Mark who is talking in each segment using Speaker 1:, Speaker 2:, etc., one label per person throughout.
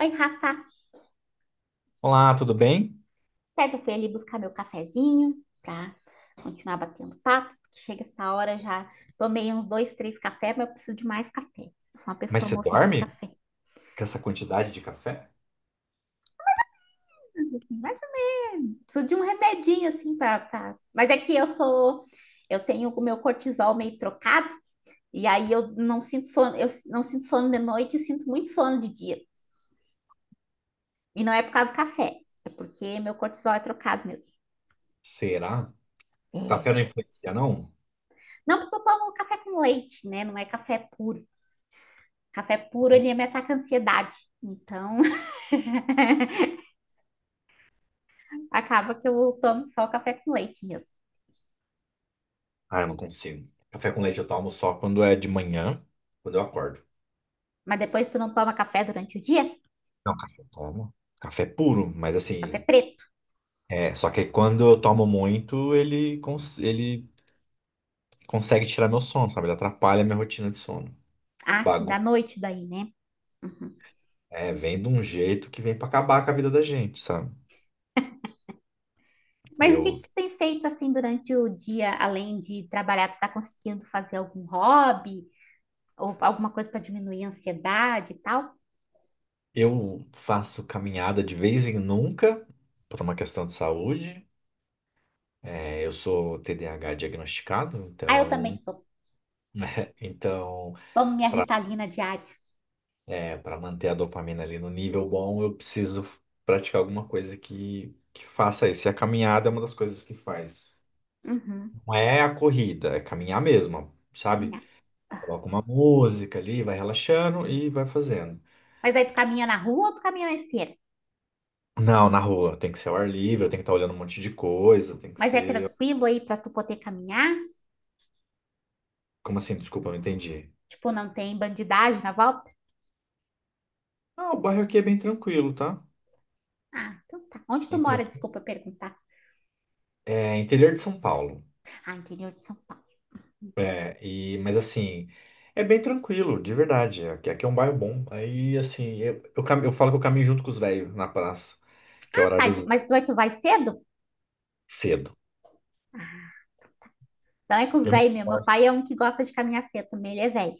Speaker 1: Oi, Rafa.
Speaker 2: Olá, tudo bem?
Speaker 1: Certo, eu fui ali buscar meu cafezinho para continuar batendo papo. Chega essa hora, já tomei uns dois, três cafés, mas eu preciso de mais café. Eu sou uma
Speaker 2: Mas
Speaker 1: pessoa
Speaker 2: você
Speaker 1: movida a
Speaker 2: dorme
Speaker 1: café.
Speaker 2: com essa quantidade de café?
Speaker 1: Mas, assim, eu preciso de um remedinho, assim, para... Pra... Mas é que eu sou... Eu tenho o meu cortisol meio trocado, e aí eu não sinto sono de noite e sinto muito sono de dia. E não é por causa do café, é porque meu cortisol é trocado mesmo.
Speaker 2: Será?
Speaker 1: É.
Speaker 2: Café não influencia, não?
Speaker 1: Não, porque eu tomo café com leite, né? Não é café puro. Café puro, ele me ataca a ansiedade. Então, acaba que eu tomo só o café com leite mesmo.
Speaker 2: Ah, eu não consigo. Café com leite eu tomo só quando é de manhã, quando eu acordo.
Speaker 1: Mas depois tu não toma café durante o dia?
Speaker 2: Não, café eu tomo. Café é puro, mas
Speaker 1: Café
Speaker 2: assim,
Speaker 1: preto.
Speaker 2: é, só que quando eu tomo muito, ele, ele consegue tirar meu sono, sabe? Ele atrapalha a minha rotina de sono.
Speaker 1: Ah, sim, da
Speaker 2: Bagulho.
Speaker 1: noite daí, né? Uhum.
Speaker 2: É, vem de um jeito que vem pra acabar com a vida da gente, sabe?
Speaker 1: Mas o que que
Speaker 2: Eu,
Speaker 1: tu tem feito assim durante o dia, além de trabalhar? Tu tá conseguindo fazer algum hobby ou alguma coisa para diminuir a ansiedade e tal?
Speaker 2: eu faço caminhada de vez em nunca, por uma questão de saúde. É, eu sou TDAH diagnosticado,
Speaker 1: Ah, eu também
Speaker 2: então,
Speaker 1: sou.
Speaker 2: então
Speaker 1: Tomo minha
Speaker 2: para
Speaker 1: Ritalina diária.
Speaker 2: para manter a dopamina ali no nível bom, eu preciso praticar alguma coisa que faça isso. E a caminhada é uma das coisas que faz.
Speaker 1: Uhum,
Speaker 2: Não é a corrida, é caminhar mesmo, sabe?
Speaker 1: caminhar.
Speaker 2: Coloca uma música ali, vai relaxando e vai fazendo.
Speaker 1: Mas aí tu caminha na rua ou tu caminha na esteira?
Speaker 2: Não, na rua, tem que ser ao ar livre, tem que estar olhando um monte de coisa, tem que
Speaker 1: Mas é
Speaker 2: ser.
Speaker 1: tranquilo aí para tu poder caminhar?
Speaker 2: Como assim? Desculpa, não entendi.
Speaker 1: Tipo, não tem bandidagem na volta?
Speaker 2: Ah, o bairro aqui é bem tranquilo, tá?
Speaker 1: Ah, então tá. Onde tu
Speaker 2: Bem tran-
Speaker 1: mora? Desculpa perguntar.
Speaker 2: É interior de São Paulo.
Speaker 1: Ah, interior de São Paulo.
Speaker 2: É, e, mas assim, é bem tranquilo, de verdade. Aqui, aqui é um bairro bom. Aí, assim, eu falo que eu caminho junto com os velhos na praça, que é o
Speaker 1: Ah,
Speaker 2: horário
Speaker 1: tá, então
Speaker 2: dos
Speaker 1: mas tu vai cedo?
Speaker 2: cedo.
Speaker 1: Ah, então é com os
Speaker 2: Eu me
Speaker 1: velhos mesmo. Meu
Speaker 2: esforço.
Speaker 1: pai é um que gosta de caminhar cedo também, ele é velho.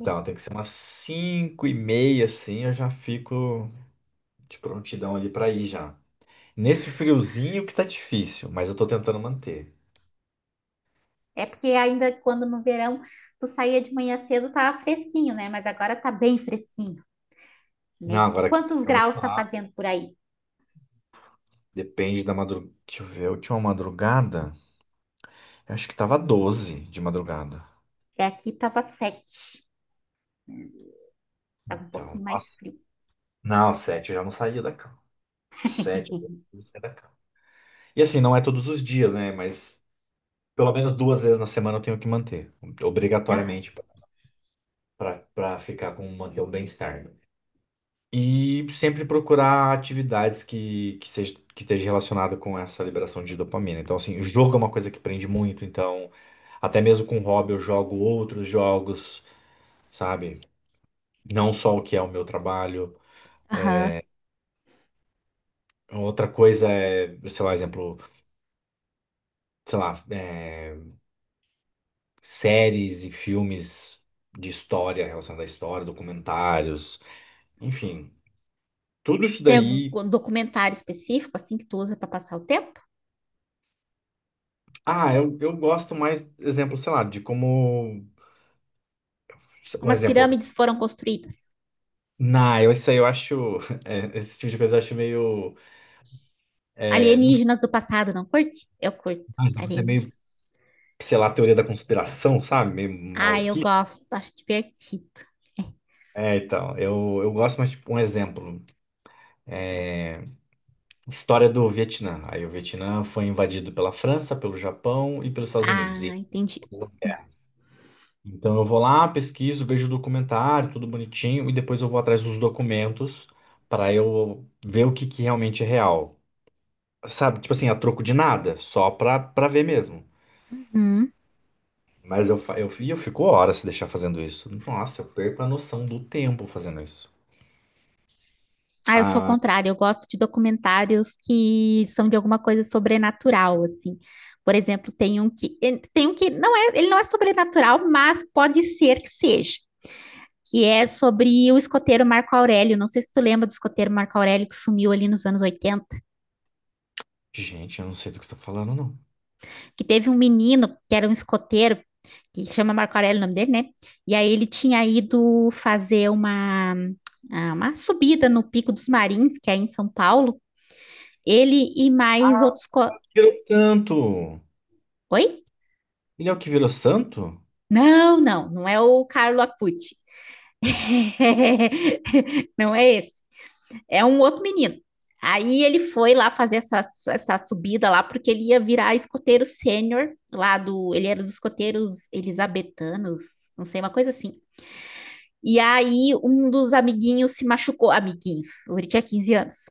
Speaker 1: É
Speaker 2: tem que ser umas 5:30, assim, eu já fico de prontidão ali pra ir já. Nesse friozinho que tá difícil, mas eu tô tentando manter.
Speaker 1: É. porque ainda quando no verão tu saía de manhã cedo tava fresquinho, né? Mas agora tá bem fresquinho,
Speaker 2: Não,
Speaker 1: né?
Speaker 2: agora aqui
Speaker 1: Quantos
Speaker 2: fica no
Speaker 1: graus tá
Speaker 2: lá.
Speaker 1: fazendo por aí?
Speaker 2: Depende da madrugada. Deixa eu ver, eu tinha uma madrugada, eu acho que tava 12 de madrugada.
Speaker 1: Porque aqui tava 7. Tava um pouquinho
Speaker 2: Então,
Speaker 1: mais
Speaker 2: nossa.
Speaker 1: frio.
Speaker 2: Não, sete eu já não saía da cama. Sete vezes é da cama. E assim, não é todos os dias, né? Mas pelo menos duas vezes na semana eu tenho que manter,
Speaker 1: Aham.
Speaker 2: obrigatoriamente, para ficar com manter o bem-estar, né. E sempre procurar atividades que, seja, que esteja relacionada com essa liberação de dopamina. Então, assim, o jogo é uma coisa que prende muito. Então, até mesmo com hobby, eu jogo outros jogos, sabe? Não só o que é o meu trabalho. Outra coisa é, sei lá, exemplo, sei lá, é, séries e filmes de história, relacionada à história, documentários, enfim, tudo isso
Speaker 1: Tem
Speaker 2: daí.
Speaker 1: algum documentário específico assim que tu usa para passar o tempo?
Speaker 2: Ah, eu gosto mais, exemplo, sei lá, de como.
Speaker 1: Como
Speaker 2: Um
Speaker 1: as
Speaker 2: exemplo.
Speaker 1: pirâmides foram construídas?
Speaker 2: Não, eu, isso aí eu acho. É, esse tipo de coisa eu acho meio. É, não sei,
Speaker 1: Alienígenas do passado, não curte? Eu curto.
Speaker 2: mas é
Speaker 1: Alienígena.
Speaker 2: meio, sei lá, teoria da conspiração, sabe? Meio
Speaker 1: Ah, eu
Speaker 2: maluquice.
Speaker 1: gosto, acho divertido.
Speaker 2: É, então, eu gosto mais, tipo, um exemplo. História do Vietnã. Aí o Vietnã foi invadido pela França, pelo Japão e pelos Estados Unidos.
Speaker 1: Ah,
Speaker 2: E
Speaker 1: entendi.
Speaker 2: todas as guerras. Então eu vou lá, pesquiso, vejo o documentário, tudo bonitinho, e depois eu vou atrás dos documentos para eu ver o que que realmente é real. Sabe, tipo assim, a troco de nada, só pra, pra ver mesmo.
Speaker 1: Uhum.
Speaker 2: Mas eu, fa- eu, e eu fico horas se deixar fazendo isso. Nossa, eu perco a noção do tempo fazendo isso.
Speaker 1: Ah, eu sou o contrário, eu gosto de documentários que são de alguma coisa sobrenatural, assim. Por exemplo, tem um que tem um que não é, ele não é sobrenatural, mas pode ser que seja, que é sobre o escoteiro Marco Aurélio. Não sei se tu lembra do escoteiro Marco Aurélio que sumiu ali nos anos 80.
Speaker 2: Gente, eu não sei do que você tá falando, não.
Speaker 1: Que teve um menino que era um escoteiro, que chama Marco Aurélio o nome dele, né? E aí ele tinha ido fazer uma, ah, uma subida no Pico dos Marins, que é em São Paulo. Ele e mais outros.
Speaker 2: Virou santo!
Speaker 1: Oi?
Speaker 2: Ele é o que virou santo?
Speaker 1: Não, não, não é o Carlo Acuti. Não é esse. É um outro menino. Aí ele foi lá fazer essa subida lá, porque ele ia virar escoteiro sênior lá do. Ele era dos escoteiros elisabetanos, não sei, uma coisa assim. E aí um dos amiguinhos se machucou, amiguinhos, ele tinha 15 anos.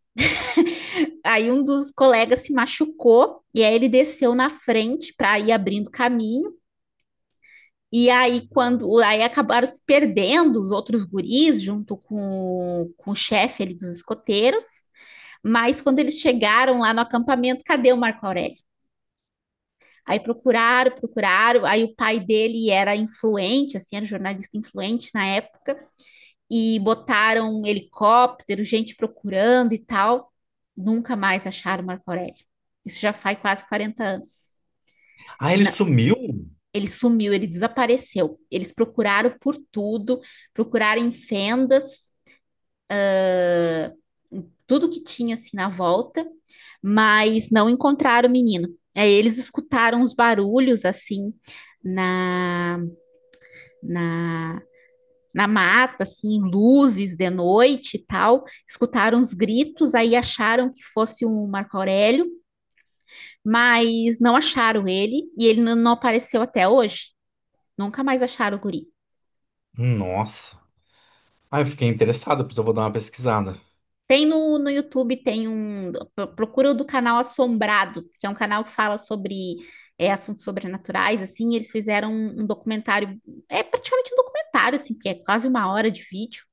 Speaker 1: Aí um dos colegas se machucou e aí ele desceu na frente para ir abrindo caminho. E aí, quando aí acabaram se perdendo os outros guris junto com o chefe ali dos escoteiros, mas quando eles chegaram lá no acampamento, cadê o Marco Aurélio? Aí procuraram, procuraram. Aí o pai dele era influente, assim, era jornalista influente na época. E botaram um helicóptero, gente procurando e tal. Nunca mais acharam Marco Aurélio. Isso já faz quase 40 anos.
Speaker 2: Ah, ele
Speaker 1: Não,
Speaker 2: sumiu?
Speaker 1: ele sumiu, ele desapareceu. Eles procuraram por tudo, procuraram em fendas, tudo que tinha assim na volta, mas não encontraram o menino. Aí eles escutaram os barulhos assim na, na na mata, assim, luzes de noite e tal, escutaram os gritos, aí acharam que fosse o Marco Aurélio, mas não acharam ele e ele não apareceu até hoje. Nunca mais acharam o guri.
Speaker 2: Nossa. Ah, eu fiquei interessado, pois eu vou dar uma pesquisada.
Speaker 1: Tem no YouTube, tem um. Procura o do canal Assombrado, que é um canal que fala sobre é, assuntos sobrenaturais, assim, e eles fizeram um documentário, é praticamente um documentário, assim, que é quase uma hora de vídeo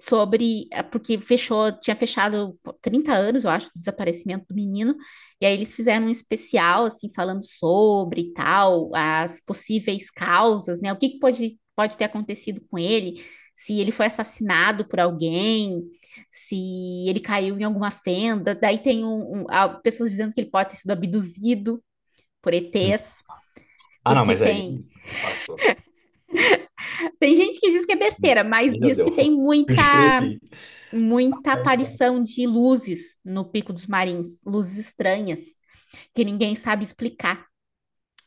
Speaker 1: sobre. Porque fechou, tinha fechado 30 anos, eu acho, do desaparecimento do menino. E aí eles fizeram um especial, assim, falando sobre e tal, as possíveis causas, né? O que que pode ter acontecido com ele, se ele foi assassinado por alguém, se ele caiu em alguma fenda. Daí tem pessoas dizendo que ele pode ter sido abduzido por ETs.
Speaker 2: Ah, não,
Speaker 1: Porque
Speaker 2: mas aí
Speaker 1: tem.
Speaker 2: passou.
Speaker 1: Tem gente que diz que é besteira, mas
Speaker 2: Aí já
Speaker 1: diz
Speaker 2: deu.
Speaker 1: que tem
Speaker 2: Eu
Speaker 1: muita
Speaker 2: cresci.
Speaker 1: muita
Speaker 2: Aí não dá.
Speaker 1: aparição de luzes no Pico dos Marins, luzes estranhas, que ninguém sabe explicar.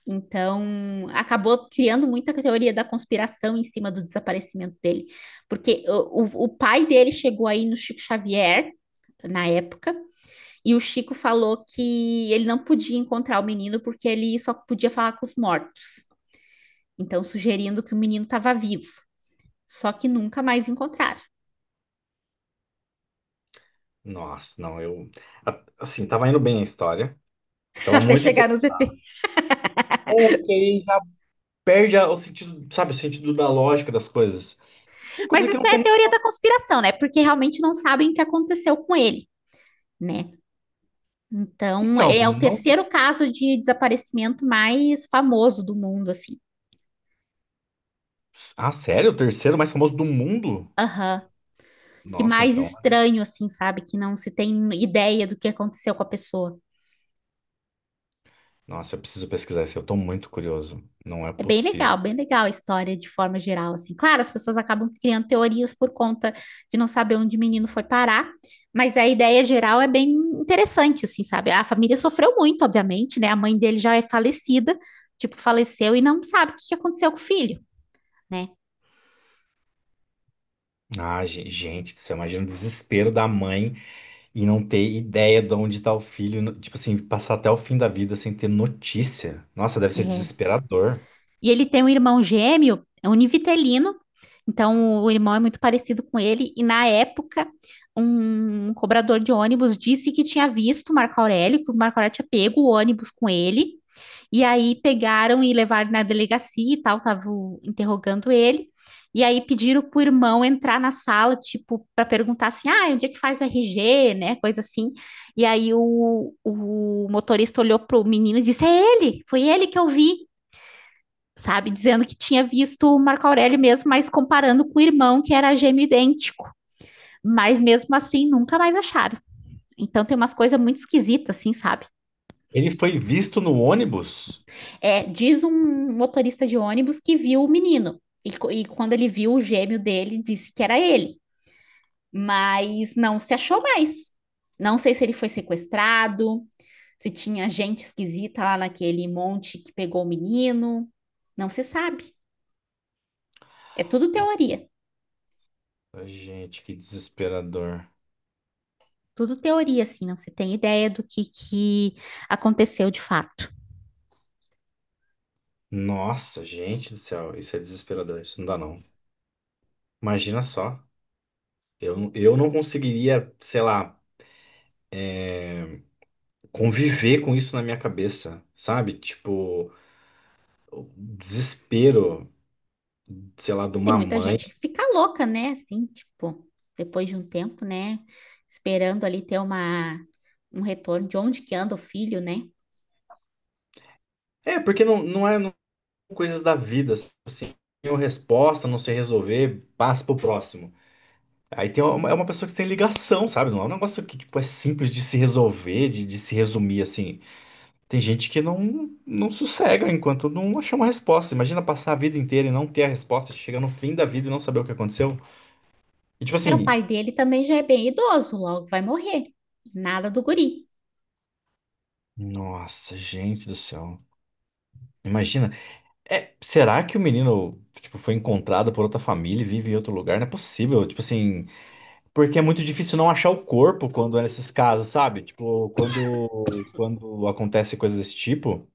Speaker 1: Então, acabou criando muita teoria da conspiração em cima do desaparecimento dele. Porque o pai dele chegou aí no Chico Xavier, na época, e o Chico falou que ele não podia encontrar o menino porque ele só podia falar com os mortos. Então, sugerindo que o menino estava vivo. Só que nunca mais encontraram,
Speaker 2: Nossa, não, eu. Assim, tava indo bem a história. Tava
Speaker 1: até
Speaker 2: muito.
Speaker 1: chegar no ZT.
Speaker 2: É, porque aí já perde o sentido, sabe, o sentido da lógica das coisas. Tem
Speaker 1: Mas
Speaker 2: coisa que
Speaker 1: isso
Speaker 2: não
Speaker 1: é
Speaker 2: tem.
Speaker 1: teoria da conspiração, né? Porque realmente não sabem o que aconteceu com ele, né? Então,
Speaker 2: Então,
Speaker 1: é o
Speaker 2: não.
Speaker 1: terceiro caso de desaparecimento mais famoso do mundo, assim.
Speaker 2: Ah, sério? O terceiro mais famoso do mundo?
Speaker 1: Aham. Que
Speaker 2: Nossa,
Speaker 1: mais
Speaker 2: então.
Speaker 1: estranho, assim, sabe? Que não se tem ideia do que aconteceu com a pessoa.
Speaker 2: Nossa, eu preciso pesquisar isso. Eu tô muito curioso. Não é
Speaker 1: É
Speaker 2: possível.
Speaker 1: bem legal a história de forma geral, assim. Claro, as pessoas acabam criando teorias por conta de não saber onde o menino foi parar, mas a ideia geral é bem interessante, assim, sabe? A família sofreu muito, obviamente, né? A mãe dele já é falecida, tipo, faleceu e não sabe o que que aconteceu com o filho, né?
Speaker 2: Ah, gente, você imagina o desespero da mãe. E não ter ideia de onde tá o filho. Tipo assim, passar até o fim da vida sem ter notícia. Nossa, deve ser
Speaker 1: É.
Speaker 2: desesperador.
Speaker 1: E ele tem um irmão gêmeo, é univitelino, então o irmão é muito parecido com ele, e na época um cobrador de ônibus disse que tinha visto o Marco Aurélio, que o Marco Aurélio tinha pego o ônibus com ele. E aí pegaram e levaram na delegacia e tal, estavam interrogando ele. E aí pediram pro irmão entrar na sala, tipo, para perguntar assim: ah, onde é que faz o RG, né? Coisa assim. E aí o motorista olhou pro menino e disse: é ele, foi ele que eu vi, sabe? Dizendo que tinha visto o Marco Aurélio mesmo, mas comparando com o irmão, que era gêmeo idêntico. Mas mesmo assim, nunca mais acharam. Então tem umas coisas muito esquisitas, assim, sabe?
Speaker 2: Ele foi visto no ônibus?
Speaker 1: É, diz um motorista de ônibus que viu o menino. E, e quando ele viu o gêmeo dele, disse que era ele. Mas não se achou mais. Não sei se ele foi sequestrado, se tinha gente esquisita lá naquele monte que pegou o menino. Não se sabe. É tudo teoria.
Speaker 2: Ai, gente, que desesperador.
Speaker 1: Tudo teoria, assim, não se tem ideia do que aconteceu de fato.
Speaker 2: Nossa, gente do céu, isso é desesperador, isso não dá não. Imagina só, eu não conseguiria, sei lá, conviver com isso na minha cabeça, sabe? Tipo, o desespero, sei lá, de
Speaker 1: Tem
Speaker 2: uma
Speaker 1: muita
Speaker 2: mãe.
Speaker 1: gente que fica louca, né? Assim, tipo, depois de um tempo, né? Esperando ali ter uma, um retorno de onde que anda o filho, né?
Speaker 2: É, porque não, não é. Coisas da vida, assim, não tem uma resposta, não sei resolver, passa pro próximo. Aí tem uma, é uma pessoa que você tem ligação, sabe? Não é um negócio que, tipo, é simples de se resolver, de se resumir, assim. Tem gente que não sossega enquanto não achar uma resposta. Imagina passar a vida inteira e não ter a resposta, chegar no fim da vida e não saber o que aconteceu. E, tipo
Speaker 1: É, o
Speaker 2: assim,
Speaker 1: pai dele também já é bem idoso, logo vai morrer. Nada do guri.
Speaker 2: nossa, gente do céu. Imagina, é, será que o menino, tipo, foi encontrado por outra família e vive em outro lugar? Não é possível, tipo assim. Porque é muito difícil não achar o corpo quando é nesses casos, sabe? Tipo, quando acontece coisa desse tipo,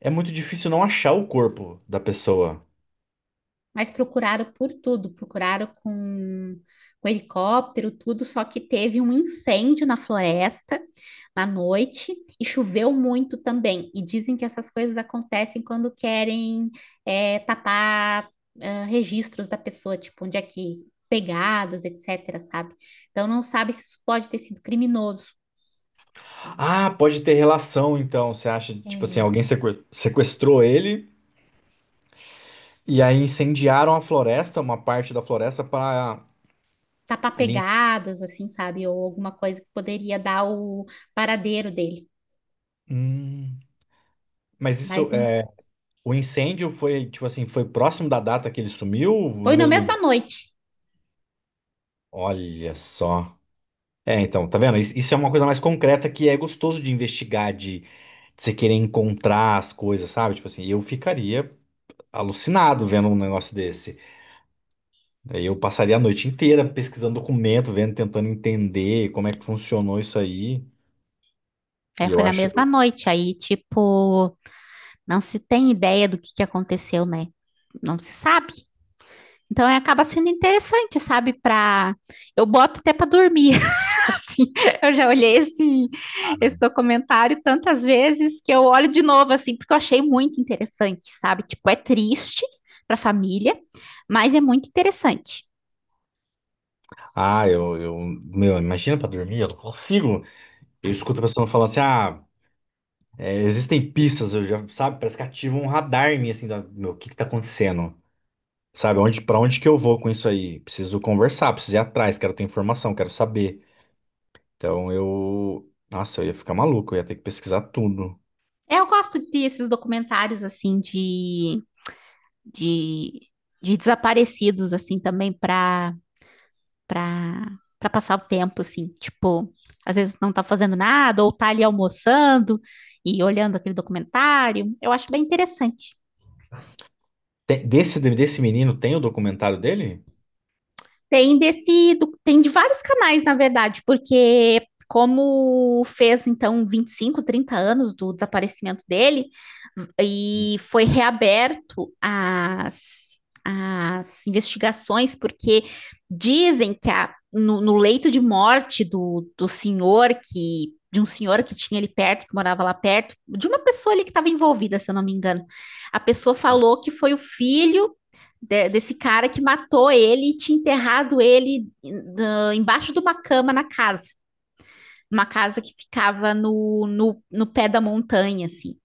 Speaker 2: é muito difícil não achar o corpo da pessoa.
Speaker 1: Mas procuraram por tudo, procuraram com helicóptero, tudo, só que teve um incêndio na floresta na noite e choveu muito também. E dizem que essas coisas acontecem quando querem é, tapar ah, registros da pessoa, tipo, onde é que pegadas, etc, sabe? Então não sabe se isso pode ter sido criminoso.
Speaker 2: Ah, pode ter relação, então. Você acha, tipo assim,
Speaker 1: É,
Speaker 2: alguém sequestrou ele e aí incendiaram a floresta, uma parte da floresta, para
Speaker 1: tapar
Speaker 2: limpar.
Speaker 1: pegadas, assim, sabe? Ou alguma coisa que poderia dar o paradeiro dele.
Speaker 2: Hum. Mas
Speaker 1: Mas
Speaker 2: isso,
Speaker 1: não
Speaker 2: é, o incêndio foi, tipo assim, foi próximo da data que ele sumiu, no
Speaker 1: foi na
Speaker 2: mesmo
Speaker 1: mesma
Speaker 2: dia?
Speaker 1: noite.
Speaker 2: Olha só. É, então, tá vendo? Isso é uma coisa mais concreta que é gostoso de investigar, de você querer encontrar as coisas, sabe? Tipo assim, eu ficaria alucinado vendo um negócio desse. Daí eu passaria a noite inteira pesquisando documento, vendo, tentando entender como é que funcionou isso aí.
Speaker 1: É,
Speaker 2: E eu
Speaker 1: foi na mesma
Speaker 2: acho,
Speaker 1: noite. Aí, tipo, não se tem ideia do que aconteceu, né? Não se sabe. Então, é, acaba sendo interessante, sabe? Pra... Eu boto até pra dormir, assim. Eu já olhei esse documentário tantas vezes que eu olho de novo, assim, porque eu achei muito interessante, sabe? Tipo, é triste pra família, mas é muito interessante.
Speaker 2: ah, meu, imagina pra dormir, eu não consigo. Eu escuto a pessoa falando assim, ah, é, existem pistas, eu já, sabe, parece que ativa um radar em mim, assim, meu, o que que tá acontecendo? Sabe, onde, pra onde que eu vou com isso aí? Preciso conversar, preciso ir atrás, quero ter informação, quero saber. Então eu. Nossa, eu ia ficar maluco, eu ia ter que pesquisar tudo.
Speaker 1: É, eu gosto desses documentários, assim, de, de desaparecidos, assim, também pra pra, pra passar o tempo, assim. Tipo, às vezes não tá fazendo nada, ou tá ali almoçando e olhando aquele documentário. Eu acho bem interessante.
Speaker 2: Desse menino tem o documentário dele?
Speaker 1: Tem desse, do- tem de vários canais, na verdade, porque como fez então 25, 30 anos do desaparecimento dele e foi reaberto as, as investigações, porque dizem que a- no, no leito de morte do senhor que de um senhor que tinha ali perto, que morava lá perto, de uma pessoa ali que estava envolvida, se eu não me engano. A pessoa falou que foi o filho de- desse cara que matou ele e tinha enterrado ele na- embaixo de uma cama na casa. Uma casa que ficava no pé da montanha, assim.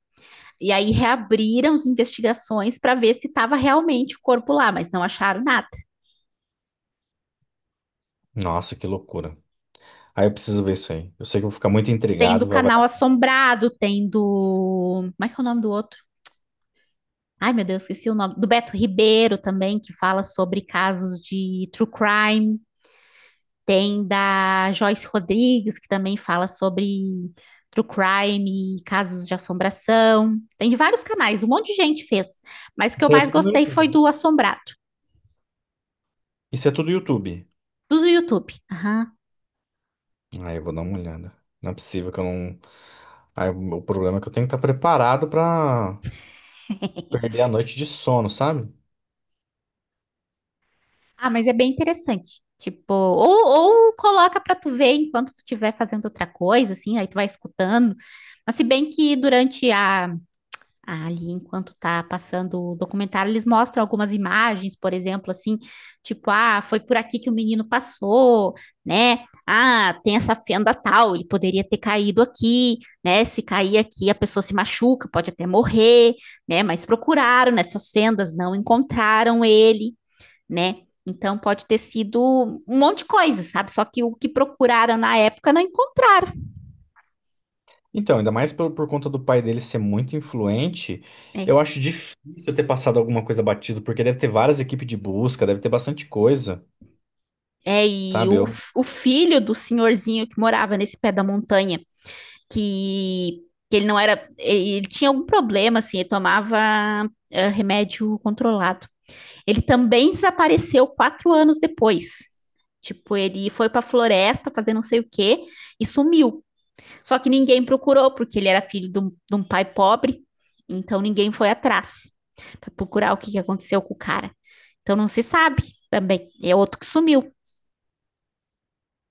Speaker 1: E aí reabriram as investigações para ver se estava realmente o corpo lá, mas não acharam nada.
Speaker 2: Nossa, que loucura. Aí eu preciso ver isso aí. Eu sei que eu vou ficar muito
Speaker 1: Tem do
Speaker 2: intrigado. Vai, vai.
Speaker 1: Canal Assombrado, tem do. Como é que é o nome do outro? Ai, meu Deus, esqueci o nome. Do Beto Ribeiro também, que fala sobre casos de true crime. Tem da Joyce Rodrigues, que também fala sobre true crime, casos de assombração. Tem de vários canais, um monte de gente fez. Mas o que eu
Speaker 2: Isso aí é
Speaker 1: mais
Speaker 2: tudo no
Speaker 1: gostei foi
Speaker 2: YouTube.
Speaker 1: do Assombrado,
Speaker 2: Isso é tudo YouTube.
Speaker 1: do YouTube. Aham.
Speaker 2: Aí eu vou dar uma olhada. Não é possível que eu não. Aí o problema é que eu tenho que estar preparado pra perder a noite de sono, sabe?
Speaker 1: Ah, mas é bem interessante. Tipo, ou coloca pra tu ver enquanto tu estiver fazendo outra coisa, assim, aí tu vai escutando. Mas se bem que durante a ali, enquanto tá passando o documentário, eles mostram algumas imagens, por exemplo, assim, tipo, ah, foi por aqui que o menino passou, né? Ah, tem essa fenda tal, ele poderia ter caído aqui, né? Se cair aqui, a pessoa se machuca, pode até morrer, né? Mas procuraram nessas fendas, não encontraram ele, né? Então pode ter sido um monte de coisa, sabe? Só que o que procuraram na época não encontraram.
Speaker 2: Então, ainda mais por conta do pai dele ser muito influente, eu
Speaker 1: É,
Speaker 2: acho difícil ter passado alguma coisa batido, porque deve ter várias equipes de busca, deve ter bastante coisa.
Speaker 1: E
Speaker 2: Sabe?
Speaker 1: o,
Speaker 2: Eu.
Speaker 1: f- o filho do senhorzinho que morava nesse pé da montanha, que, que ele não era. Ele tinha algum problema, assim, ele tomava remédio controlado. Ele também desapareceu 4 anos depois. Tipo, ele foi pra floresta fazer não sei o quê e sumiu. Só que ninguém procurou, porque ele era filho de um pai pobre, então ninguém foi atrás pra procurar o que que aconteceu com o cara. Então não se sabe também. É outro que sumiu.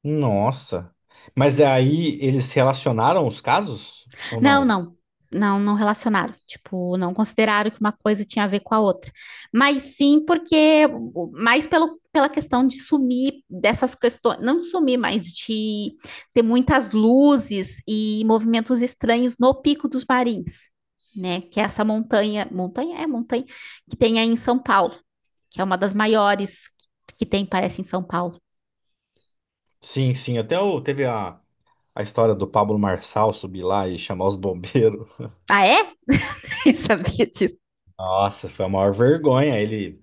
Speaker 2: Nossa. Mas aí eles relacionaram os casos ou
Speaker 1: Não,
Speaker 2: não?
Speaker 1: não. Não, não relacionaram. Tipo, não consideraram que uma coisa tinha a ver com a outra. Mas sim porque, mais pelo, pela questão de sumir dessas questões, não sumir, mas de ter muitas luzes e movimentos estranhos no Pico dos Marins, né? Que é essa montanha, montanha? É montanha, que tem aí em São Paulo, que é uma das maiores que tem, parece, em São Paulo.
Speaker 2: Sim, sim. Até o, teve a história do Pablo Marçal subir lá e chamar os bombeiros.
Speaker 1: Ah, é? Eu sabia disso.
Speaker 2: Nossa, foi a maior vergonha. Ele.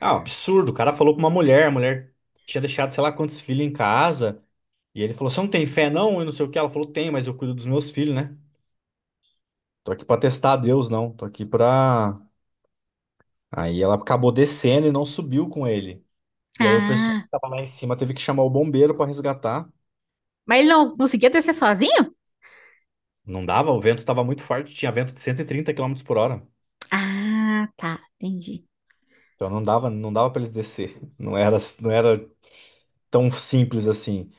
Speaker 2: Ah, um absurdo. O cara falou com uma mulher, a mulher tinha deixado sei lá quantos filhos em casa. E ele falou: "Você não tem fé, não?" E não sei o que. Ela falou: "Tem, mas eu cuido dos meus filhos, né? Tô aqui pra testar a Deus, não. Tô aqui pra." Aí ela acabou descendo e não subiu com ele. E aí o pessoal que
Speaker 1: Ah,
Speaker 2: estava lá em cima teve que chamar o bombeiro para resgatar.
Speaker 1: mas ele não conseguia descer sozinho?
Speaker 2: Não dava, o vento estava muito forte, tinha vento de 130 quilômetros por hora.
Speaker 1: Ah, tá, entendi.
Speaker 2: Então não dava, não dava para eles descer. Não era, não era tão simples assim.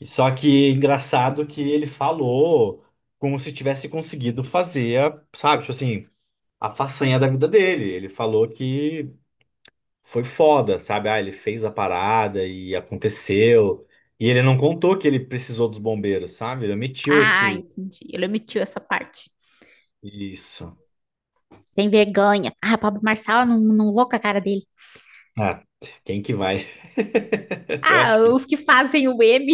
Speaker 2: E só que engraçado que ele falou como se tivesse conseguido fazer, sabe, tipo assim, a façanha da vida dele. Ele falou que foi foda, sabe? Ah, ele fez a parada e aconteceu. E ele não contou que ele precisou dos bombeiros, sabe? Ele omitiu
Speaker 1: Ah,
Speaker 2: esse
Speaker 1: entendi. Ele omitiu essa parte.
Speaker 2: isso.
Speaker 1: Sem vergonha. Ah, Pablo Marçal, não, não vou com a cara dele.
Speaker 2: Ah, quem que vai? Eu
Speaker 1: Ah,
Speaker 2: acho que
Speaker 1: os que fazem o M,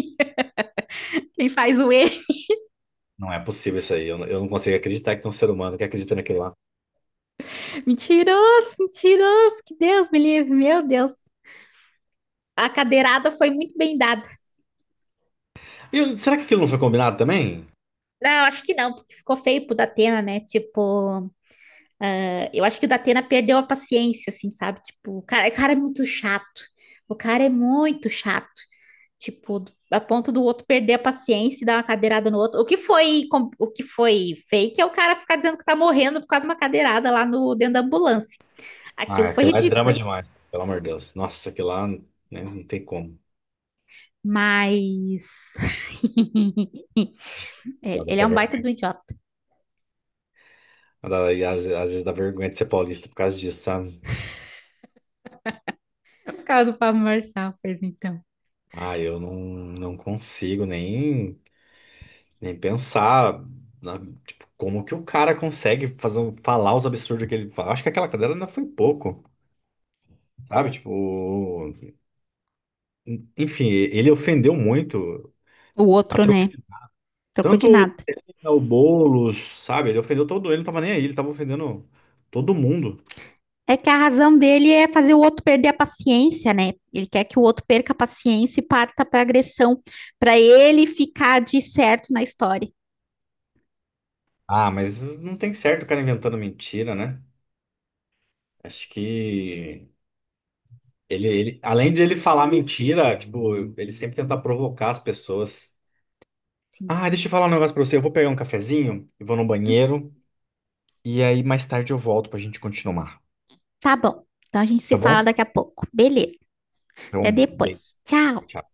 Speaker 1: quem faz o E.
Speaker 2: não é possível isso aí. Eu não consigo acreditar que tem um ser humano que acredita naquilo lá.
Speaker 1: Mentiroso, mentiroso, que Deus me livre, meu Deus. A cadeirada foi muito bem dada.
Speaker 2: E será que aquilo não foi combinado também?
Speaker 1: Não, acho que não, porque ficou feio pro Datena, né? Tipo, eu acho que o Datena perdeu a paciência, assim, sabe? Tipo, o cara é muito chato. O cara é muito chato. Tipo, a ponto do outro perder a paciência e dar uma cadeirada no outro. O que foi, o que foi fake é o cara ficar dizendo que tá morrendo por causa de uma cadeirada lá no dentro da ambulância. Aquilo
Speaker 2: Ah,
Speaker 1: foi
Speaker 2: aquilo lá é drama
Speaker 1: ridículo.
Speaker 2: demais, pelo amor de Deus. Nossa, aquilo lá, né, não tem como.
Speaker 1: Mas
Speaker 2: Dá
Speaker 1: ele é
Speaker 2: até
Speaker 1: um baita
Speaker 2: vergonha.
Speaker 1: do idiota.
Speaker 2: E às vezes dá vergonha de ser paulista por causa disso, sabe?
Speaker 1: O cara do Pablo Marçal fez então.
Speaker 2: Ah, eu não consigo nem, pensar na- tipo, como que o cara consegue fazer, falar os absurdos que ele fala. Acho que aquela cadeira ainda foi pouco, sabe? Tipo. Enfim, ele ofendeu muito
Speaker 1: O
Speaker 2: a
Speaker 1: outro,
Speaker 2: troco
Speaker 1: né?
Speaker 2: de.
Speaker 1: Trocou de
Speaker 2: Tanto
Speaker 1: nada.
Speaker 2: o Boulos, sabe? Ele ofendeu todo ele, não tava nem aí, ele tava ofendendo todo mundo.
Speaker 1: É que a razão dele é fazer o outro perder a paciência, né? Ele quer que o outro perca a paciência e parta pra agressão, pra ele ficar de certo na história.
Speaker 2: Ah, mas não tem certo o cara inventando mentira, né? Acho que além de ele falar mentira, tipo, ele sempre tenta provocar as pessoas.
Speaker 1: Sim.
Speaker 2: Ah, deixa eu falar um negócio pra você. Eu vou pegar um cafezinho e vou no
Speaker 1: Uhum.
Speaker 2: banheiro. E aí mais tarde eu volto pra gente continuar.
Speaker 1: Tá bom. Então a gente se
Speaker 2: Tá
Speaker 1: fala
Speaker 2: bom?
Speaker 1: daqui a pouco. Beleza.
Speaker 2: Então,
Speaker 1: Até
Speaker 2: bem,
Speaker 1: depois. Tchau.
Speaker 2: tchau.